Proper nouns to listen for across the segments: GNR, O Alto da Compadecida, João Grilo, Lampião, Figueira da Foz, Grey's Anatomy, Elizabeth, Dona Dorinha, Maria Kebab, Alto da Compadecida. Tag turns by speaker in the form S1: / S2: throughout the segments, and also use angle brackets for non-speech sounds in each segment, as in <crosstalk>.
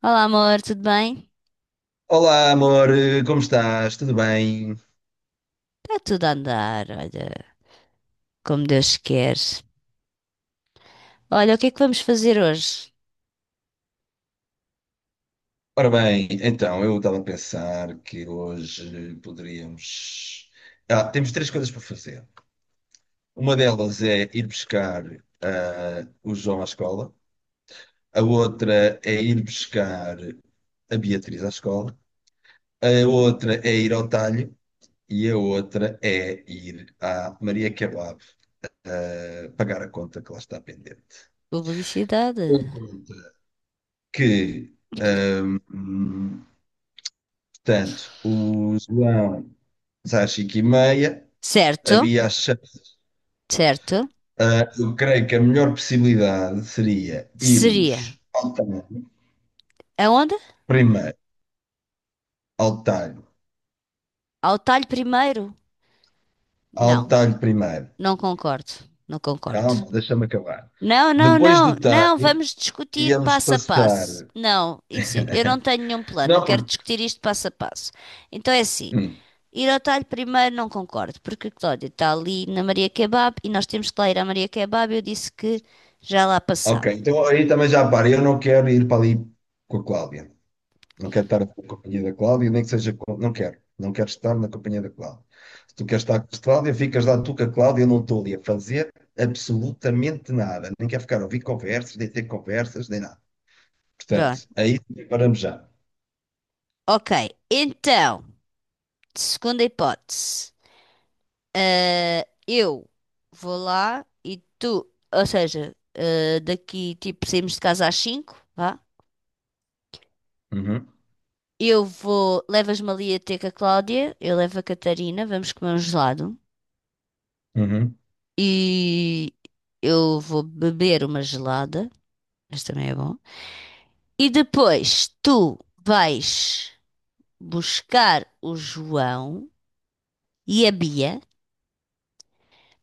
S1: Olá, amor, tudo bem?
S2: Olá, amor, como estás? Tudo bem?
S1: Está tudo a andar, olha, como Deus quer. Olha, o que é que vamos fazer hoje?
S2: Ora bem, então, eu estava a pensar que hoje poderíamos. Ah, temos três coisas para fazer. Uma delas é ir buscar o João à escola, a outra é ir buscar a Beatriz à escola, a outra é ir ao talho e a outra é ir à Maria Kebab pagar a conta que lá está pendente.
S1: Publicidade.
S2: A conta que. Ahm, Portanto, o João diz às 5h30,
S1: Certo,
S2: havia a chance.
S1: certo.
S2: Ah, eu creio que a melhor possibilidade seria
S1: Seria.
S2: irmos ao Talho
S1: Aonde?
S2: primeiro, ao Talho,
S1: Ao talho primeiro?
S2: ao
S1: Não,
S2: Talho primeiro.
S1: não concordo, não concordo.
S2: Calma, deixa-me acabar.
S1: Não, não,
S2: Depois
S1: não,
S2: do
S1: não,
S2: Talho,
S1: vamos discutir
S2: íamos
S1: passo a
S2: passar.
S1: passo. Não, isso,
S2: <laughs>
S1: eu não tenho nenhum plano, eu
S2: Não,
S1: quero
S2: porque.
S1: discutir isto passo a passo. Então é assim.
S2: hum,
S1: Ir ao talho primeiro não concordo, porque a Cláudia está ali na Maria Kebab e nós temos que lá ir à Maria Kebab. Eu disse que já lá
S2: ok,
S1: passava.
S2: então aí também já para. Eu não quero ir para ali com a Cláudia. Não quero estar na companhia da Cláudia, nem que seja. Não quero. Não quero estar na companhia da Cláudia. Se tu queres estar com a Cláudia, ficas lá tu com a Cláudia. Eu não estou ali a fazer absolutamente nada. Nem quero ficar a ouvir conversas, nem ter conversas, nem nada.
S1: Pronto.
S2: Portanto, aí paramos já.
S1: Ok, então, segunda hipótese. Ah, eu vou lá e tu, ou seja, ah, daqui tipo saímos de casa às 5 vá.
S2: Uhum,
S1: Eu vou, levas-me ali a ter com a Cláudia, eu levo a Catarina, vamos comer um gelado
S2: uhum,
S1: e eu vou beber uma gelada, mas também é bom. E depois tu vais buscar o João e a Bia,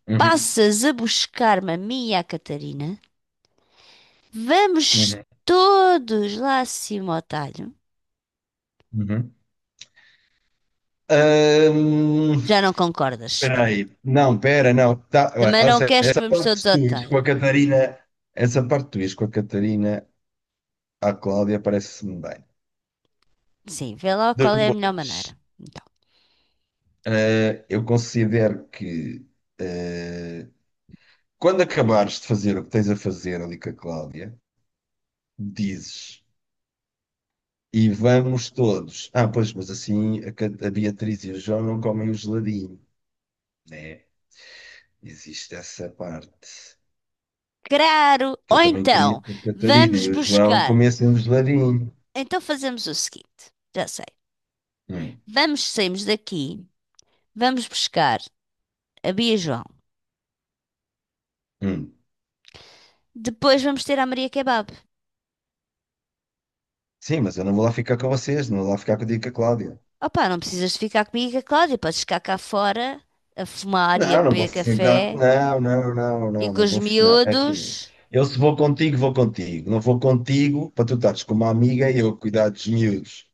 S2: uhum,
S1: passas a buscar-me a mim e a Catarina, vamos
S2: uhum,
S1: todos lá acima ao talho.
S2: uhum. Ahm,
S1: Já não concordas?
S2: Espera
S1: Pronto.
S2: aí. Não, espera não. Tá, ué,
S1: Também
S2: ou
S1: não
S2: seja,
S1: queres que
S2: essa
S1: vamos
S2: parte
S1: todos
S2: de tu
S1: ao
S2: ires com
S1: talho,
S2: a
S1: né?
S2: Catarina, essa parte de tu ires com a Catarina à Cláudia parece-me bem.
S1: Sim, vê lá qual é a melhor maneira.
S2: Depois.
S1: Então,
S2: Eu considero que eh, quando acabares de fazer o que tens a fazer ali com a Cláudia, dizes e vamos todos. Ah, pois, mas assim a, a Beatriz e o João não comem o geladinho, né? Existe essa parte
S1: claro!
S2: que
S1: Ou
S2: eu também queria
S1: então,
S2: que a Catarina
S1: vamos
S2: e o João
S1: buscar.
S2: comessem um geladinho.
S1: Então fazemos o seguinte: já sei.
S2: Hum,
S1: Vamos, saímos daqui, vamos buscar a Bia João.
S2: hum.
S1: Depois vamos ter a Maria Kebab.
S2: Sim, mas eu não vou lá ficar com vocês, não vou lá ficar contigo e com a Cláudia.
S1: Opa, não precisas de ficar comigo, é claro. E com a Cláudia. Podes ficar cá fora a fumar e a
S2: Não, não vou
S1: beber
S2: ficar.
S1: café
S2: Não, não, não,
S1: e
S2: não,
S1: com
S2: não
S1: os
S2: vou. Não, é assim.
S1: miúdos.
S2: Eu se vou contigo, vou contigo. Não vou contigo para tu estares com uma amiga e eu cuidar dos miúdos.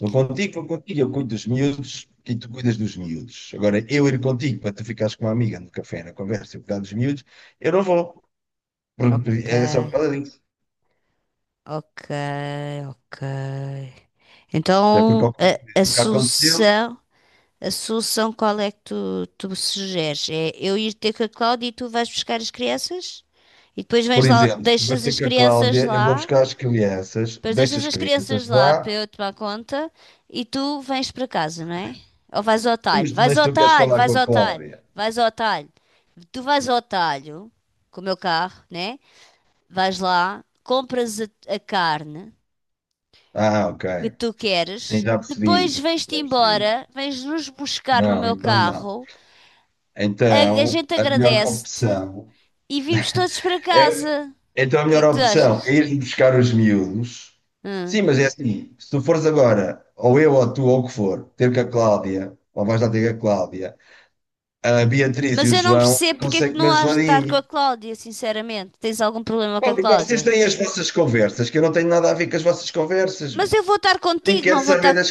S2: Vou contigo, eu cuido dos miúdos e tu cuidas dos miúdos. Agora, eu ir contigo para tu ficares com uma amiga no café, na conversa, eu cuidar dos miúdos, eu não vou.
S1: Ok,
S2: É só por causa disso.
S1: ok, ok.
S2: Até porque
S1: Então,
S2: ao contrário
S1: a
S2: do que aconteceu,
S1: solução. A solução qual é que tu sugeres? É eu ir ter com a Cláudia e tu vais buscar as crianças? E depois
S2: por
S1: vens lá,
S2: exemplo, tu vais
S1: deixas
S2: ter
S1: as
S2: com a
S1: crianças
S2: Cláudia, eu vou
S1: lá,
S2: buscar as crianças,
S1: depois
S2: deixo
S1: deixas
S2: as
S1: as
S2: crianças
S1: crianças
S2: lá,
S1: lá para eu tomar conta e tu vens para casa, não é? Ou vais ao talho?
S2: mas tu,
S1: Vais
S2: mas
S1: ao
S2: tu queres
S1: talho,
S2: falar com
S1: vais
S2: a
S1: ao talho,
S2: Cláudia.
S1: vais ao talho. Tu vais ao talho com o meu carro, né? Vais lá, compras a carne
S2: Ah, ok.
S1: que tu
S2: Sim,
S1: queres,
S2: já
S1: depois
S2: percebi,
S1: vens-te
S2: já percebi.
S1: embora, vens nos buscar no
S2: Não,
S1: meu
S2: então não.
S1: carro a, a
S2: Então,
S1: gente
S2: a melhor
S1: agradece-te
S2: opção
S1: e vimos todos para
S2: é,
S1: casa.
S2: então a
S1: O que é
S2: melhor
S1: que tu
S2: opção é
S1: achas?
S2: ir buscar os miúdos.
S1: Hum.
S2: Sim, mas é assim, se tu fores agora, ou eu, ou tu, ou o que for, ter com a Cláudia, ou vais lá ter com a Cláudia, a Beatriz e
S1: Mas
S2: o
S1: eu não
S2: João,
S1: percebo porque é
S2: consegue
S1: que não
S2: comer
S1: has de estar com a
S2: geladinho.
S1: Cláudia, sinceramente. Tens algum problema com
S2: Pá,
S1: a
S2: porque vocês
S1: Cláudia?
S2: têm as vossas conversas, que eu não tenho nada a ver com as vossas conversas,
S1: Mas
S2: meu.
S1: eu vou estar
S2: Nem
S1: contigo,
S2: quero
S1: não vou
S2: saber
S1: estar.
S2: das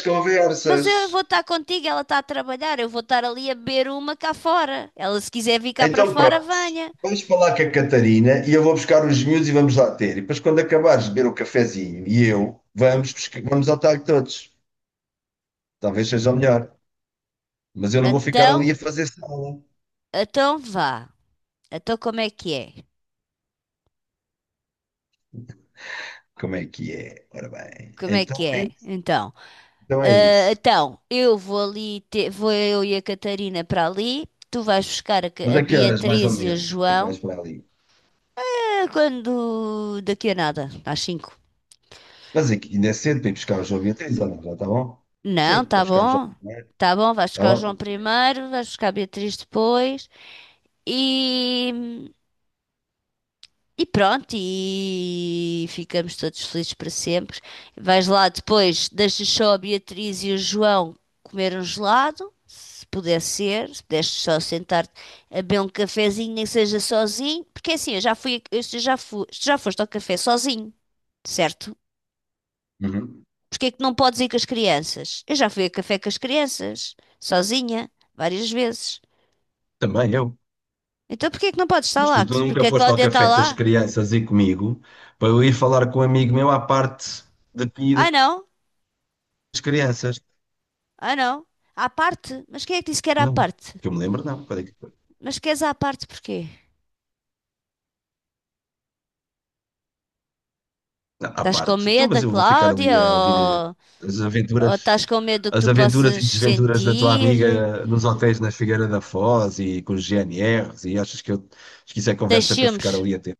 S1: Mas eu
S2: conversas.
S1: vou estar contigo, ela está a trabalhar, eu vou estar ali a beber uma cá fora. Ela, se quiser vir cá para
S2: Então pronto,
S1: fora, venha.
S2: vais falar com a Catarina e eu vou buscar os miúdos e vamos lá ter. E depois, quando acabares de beber o cafezinho e eu, vamos, vamos ao talho todos. Talvez seja o melhor. Mas eu não vou ficar ali
S1: Então,
S2: a fazer sala.
S1: então vá. Então, como é que é?
S2: Como é que é? Ora bem,
S1: Como é que
S2: então é
S1: é?
S2: isso.
S1: Então.
S2: Então é
S1: Ah,
S2: isso.
S1: então, eu vou ali, vou eu e a Catarina para ali. Tu vais buscar
S2: Mas
S1: A
S2: a que horas, mais
S1: Beatriz
S2: ou
S1: e a
S2: menos, é que vais
S1: João.
S2: para ali?
S1: Ah, quando daqui a nada, às cinco.
S2: Mas aqui ainda é cedo para ir buscar o João Beatriz, ou não? Já está bom? Sim,
S1: Não,
S2: vou
S1: tá
S2: buscar o João
S1: bom.
S2: Beatriz.
S1: Tá bom, vais
S2: Está
S1: buscar o João
S2: ótimo, né?
S1: primeiro, vais buscar a Beatriz depois. E E pronto, e ficamos todos felizes para sempre. Vais lá depois, deixas só a Beatriz e o João comer um gelado, se puder ser, se puderes só sentar-te a beber um cafezinho, nem que seja sozinho, porque é assim, eu já fui, tu já foste ao café sozinho, certo?
S2: Uhum.
S1: Porque é que não podes ir com as crianças? Eu já fui a café com as crianças, sozinha, várias vezes.
S2: Também eu.
S1: Então porquê é que não podes estar
S2: Mas tu,
S1: lá?
S2: tu nunca
S1: Porque a
S2: foste ao
S1: Cláudia está
S2: café com as
S1: lá?
S2: crianças e comigo para eu ir falar com um amigo meu à parte de ti e
S1: Ah,
S2: das
S1: não?
S2: crianças.
S1: Ah, não. À parte? Mas quem é que disse que era à
S2: Não,
S1: parte?
S2: que eu me lembro, não. Foi?
S1: Mas queres à parte porquê?
S2: Não, à
S1: Estás com
S2: parte. Então,
S1: medo
S2: mas
S1: da
S2: eu vou ficar ali
S1: Cláudia
S2: a ouvir
S1: ou,
S2: as
S1: ou
S2: aventuras,
S1: estás com medo do que
S2: as
S1: tu
S2: aventuras
S1: possas
S2: e desventuras da tua
S1: sentir?
S2: amiga nos hotéis na Figueira da Foz e com os GNRs e achas que, eu, acho que isso é
S1: Tens
S2: conversa para eu
S1: ciúmes?
S2: ficar ali a ter?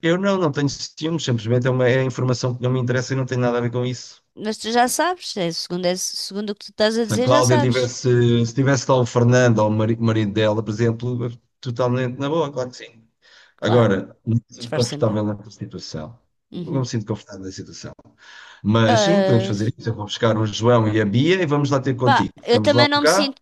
S2: Eu não, não tenho ciúmes, simplesmente é uma é informação que não me interessa e não tem nada a ver com isso.
S1: Mas tu já sabes, é, segundo o que tu estás a
S2: Se a
S1: dizer, já
S2: Cláudia
S1: sabes.
S2: tivesse, se tivesse lá o Fernando ou o marido dela, por exemplo, totalmente na boa, claro que sim.
S1: Claro,
S2: Agora, não me sinto
S1: disfarça melhor.
S2: confortável nessa situação. Não me
S1: Uhum.
S2: sinto confortável nessa situação. Mas sim, podemos
S1: Ah,
S2: fazer isso. Eu vou buscar o João e a Bia e vamos lá ter
S1: pá,
S2: contigo.
S1: eu
S2: Ficamos lá
S1: também
S2: um
S1: não me
S2: cá
S1: sinto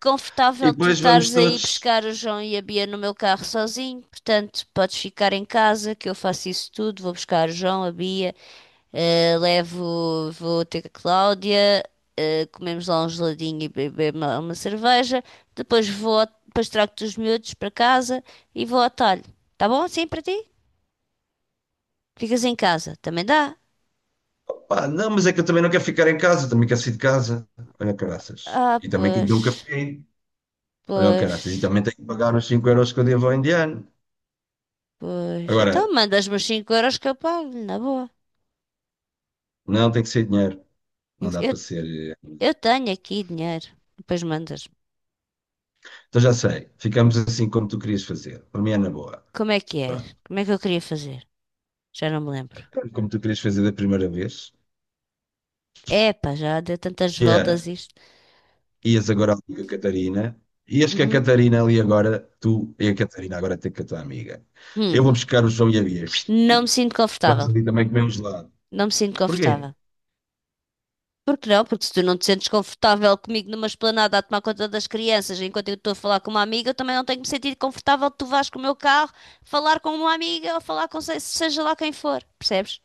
S2: e
S1: confortável tu
S2: depois vamos
S1: estares aí
S2: todos.
S1: buscar o João e a Bia no meu carro sozinho, portanto, podes ficar em casa que eu faço isso tudo, vou buscar o João, a Bia. Eh, levo, vou ter com a Cláudia, eh, comemos lá um geladinho e bebemos lá uma cerveja. Depois trago-te os miúdos para casa e vou ao talho. Tá bom assim para ti? Ficas em casa, também dá?
S2: Pá, não, mas é que eu também não quero ficar em casa, também quero sair de casa. Olha, caraças.
S1: Ah,
S2: E também quero beber um
S1: pois,
S2: café. Olha, caraças. E
S1: pois,
S2: também tenho que pagar os 5 euros que eu devo ao indiano.
S1: pois. Então
S2: Agora,
S1: mandas-me os 5 euros que eu pago, na boa.
S2: não tem que ser dinheiro.
S1: Eu,
S2: Não dá para ser.
S1: eu tenho aqui dinheiro. Depois mandas-me.
S2: Então já sei, ficamos assim como tu querias fazer. Para mim é na boa.
S1: Como é que é?
S2: Pronto.
S1: Como é que eu queria fazer? Já não me lembro.
S2: É como tu querias fazer da primeira vez,
S1: Epá, já deu tantas
S2: que
S1: voltas
S2: era,
S1: isto.
S2: ias agora ali com a Catarina, ias com a
S1: Uhum.
S2: Catarina ali agora, tu e a Catarina agora tem com a tua amiga. Eu vou
S1: Hum.
S2: buscar o João e a Bia.
S1: Não me sinto
S2: Vamos
S1: confortável.
S2: ali também comer um gelado.
S1: Não me sinto
S2: Porquê?
S1: confortável. Por que não? Porque se tu não te sentes confortável comigo numa esplanada a tomar conta das crianças enquanto eu estou a falar com uma amiga, eu também não tenho que me sentir confortável que tu vás com o meu carro falar com uma amiga ou falar com seja lá quem for. Percebes?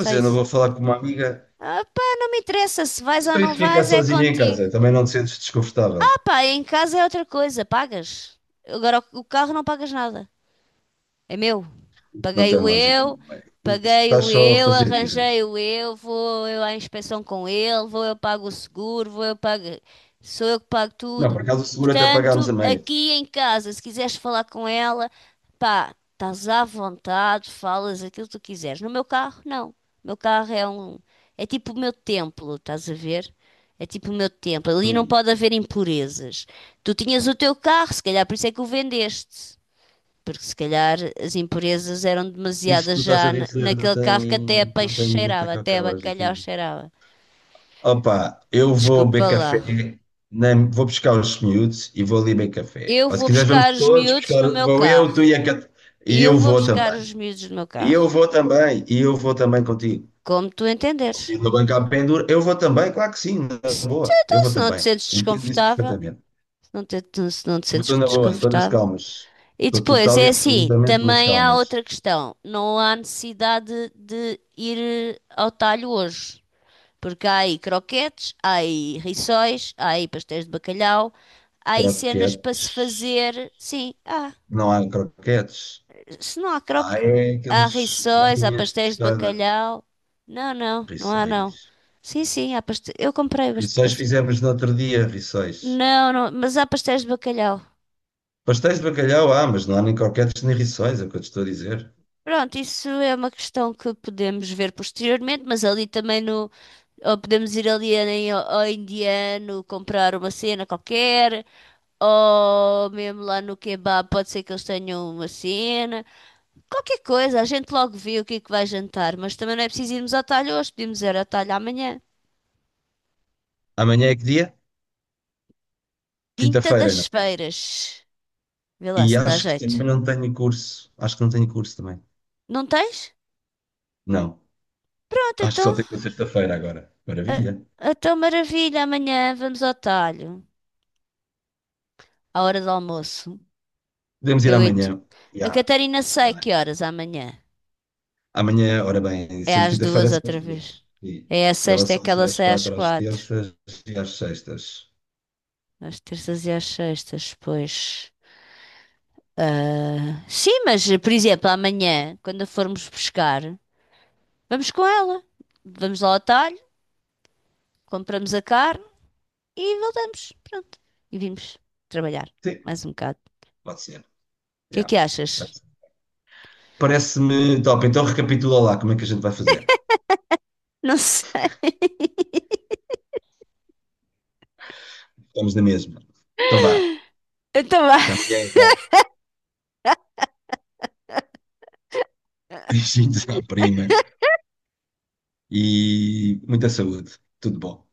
S1: Só
S2: eu não
S1: isso.
S2: vou falar com uma amiga.
S1: Ah pá, não me interessa se vais ou
S2: Então isso
S1: não
S2: ficar
S1: vais, é
S2: sozinha em
S1: contigo.
S2: casa, também não te sentes desconfortável.
S1: Ah pá, em casa é outra coisa, pagas. Agora o carro não pagas nada. É meu.
S2: Não tem
S1: Paguei-o
S2: lógica
S1: eu,
S2: nenhuma. Isso estás
S1: paguei-o
S2: só a
S1: eu,
S2: fazer birra.
S1: arranjei-o eu, vou eu à inspeção com ele, vou eu pago o seguro, vou eu pago, sou eu que pago
S2: Não,
S1: tudo.
S2: por acaso o seguro até pagámos a
S1: Portanto,
S2: meia.
S1: aqui em casa, se quiseres falar com ela, pá, estás à vontade, falas aquilo que tu quiseres. No meu carro, não. O meu carro é tipo o meu templo, estás a ver? É tipo o meu templo. Ali não
S2: Hum.
S1: pode haver impurezas. Tu tinhas o teu carro, se calhar por isso é que o vendeste. Porque se calhar as impurezas eram
S2: Isso que
S1: demasiadas
S2: tu estás a
S1: já
S2: dizer não
S1: naquele carro que até a
S2: tem, não
S1: peixe
S2: tem, não tem
S1: cheirava, até
S2: qualquer
S1: a
S2: lógica
S1: bacalhau
S2: nenhuma.
S1: cheirava.
S2: Opa, eu vou beber
S1: Desculpa lá.
S2: café, nem, vou buscar os miúdos e vou ali beber café.
S1: Eu
S2: Ou se
S1: vou
S2: quiseres, vamos
S1: buscar os
S2: todos
S1: miúdos
S2: buscar,
S1: no meu
S2: vou eu,
S1: carro.
S2: tu e a Cat... E
S1: Eu
S2: eu
S1: vou
S2: vou
S1: buscar
S2: também.
S1: os miúdos no meu
S2: E eu
S1: carro.
S2: vou também. E eu vou também contigo.
S1: Como tu entenderes.
S2: Se no banco há pendura, eu vou também, claro que sim, na boa. Eu
S1: Então,
S2: vou
S1: se não te
S2: também.
S1: sentes
S2: Entendo isso
S1: desconfortável,
S2: perfeitamente.
S1: se não te, se não te
S2: Eu
S1: sentes
S2: estou na boa, estou nas
S1: desconfortável.
S2: calmas.
S1: E
S2: Estou
S1: depois,
S2: total
S1: é
S2: e
S1: assim,
S2: absolutamente nas
S1: também há
S2: calmas.
S1: outra questão. Não há necessidade de ir ao talho hoje. Porque há aí croquetes, há aí rissóis, há aí pastéis de bacalhau, há aí cenas
S2: Croquete,
S1: para se fazer. Sim, há.
S2: não há croquetes.
S1: Se não há
S2: Ah,
S1: croque...
S2: é
S1: Há
S2: aqueles
S1: rissóis, há
S2: barrinhas de
S1: pastéis de
S2: pescada.
S1: bacalhau. Não, não, não há não.
S2: Rissóis.
S1: Sim, sim, há pastéis. Eu comprei bastante
S2: Rissóis
S1: pastéis.
S2: fizemos no outro dia, rissóis.
S1: Não, não, mas há pastéis de bacalhau.
S2: Pastéis de bacalhau, ah, mas não há nem croquetes nem rissóis, é o que eu te estou a dizer.
S1: Pronto, isso é uma questão que podemos ver posteriormente, mas ali também no, ou podemos ir ali ao indiano comprar uma cena qualquer, ou mesmo lá no kebab, pode ser que eles tenham uma cena. Qualquer coisa, a gente logo vê o que é que vai jantar. Mas também não é preciso irmos ao talho hoje, podemos ir ao talho amanhã.
S2: Amanhã é que dia?
S1: Quinta
S2: Quinta-feira, não.
S1: das Feiras. Vê lá
S2: E
S1: se te dá
S2: acho que
S1: jeito.
S2: também não tenho curso. Acho que não tenho curso também.
S1: Não tens?
S2: Não.
S1: Pronto,
S2: Acho que só
S1: então.
S2: tenho na sexta-feira agora. Maravilha.
S1: A, tua maravilha, amanhã vamos ao talho. À hora do almoço.
S2: Podemos ir
S1: Eu e tu.
S2: amanhã.
S1: A
S2: Já.
S1: Catarina sai
S2: Tá bem.
S1: que horas amanhã?
S2: Amanhã, ora bem,
S1: É
S2: sendo
S1: às
S2: quinta-feira
S1: duas
S2: são as
S1: outra vez.
S2: duas. E
S1: É a
S2: elas
S1: sexta, é
S2: são
S1: que
S2: às
S1: ela
S2: 10,
S1: sai às
S2: 4 às
S1: quatro.
S2: terças e às sextas.
S1: Às terças e às sextas, pois. Ah, sim, mas por exemplo, amanhã, quando a formos pescar, vamos com ela. Vamos lá ao atalho, compramos a carne e voltamos. Pronto. E vimos trabalhar
S2: Sim,
S1: mais um bocado.
S2: pode ser.
S1: O que é que
S2: Já.
S1: achas?
S2: Parece-me top. Então recapitula lá como é que a gente vai fazer.
S1: Não sei.
S2: Estamos na mesma. Então vá.
S1: <laughs> Então vá.
S2: Até amanhã, então. <laughs> Beijinhos à prima e muita saúde. Tudo bom.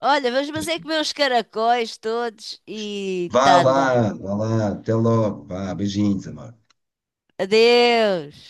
S1: Olha, vamos mas é comer os caracóis todos e
S2: Vá
S1: tá a andar.
S2: lá, vá lá. Até logo. Vá, beijinhos, amor.
S1: Adeus.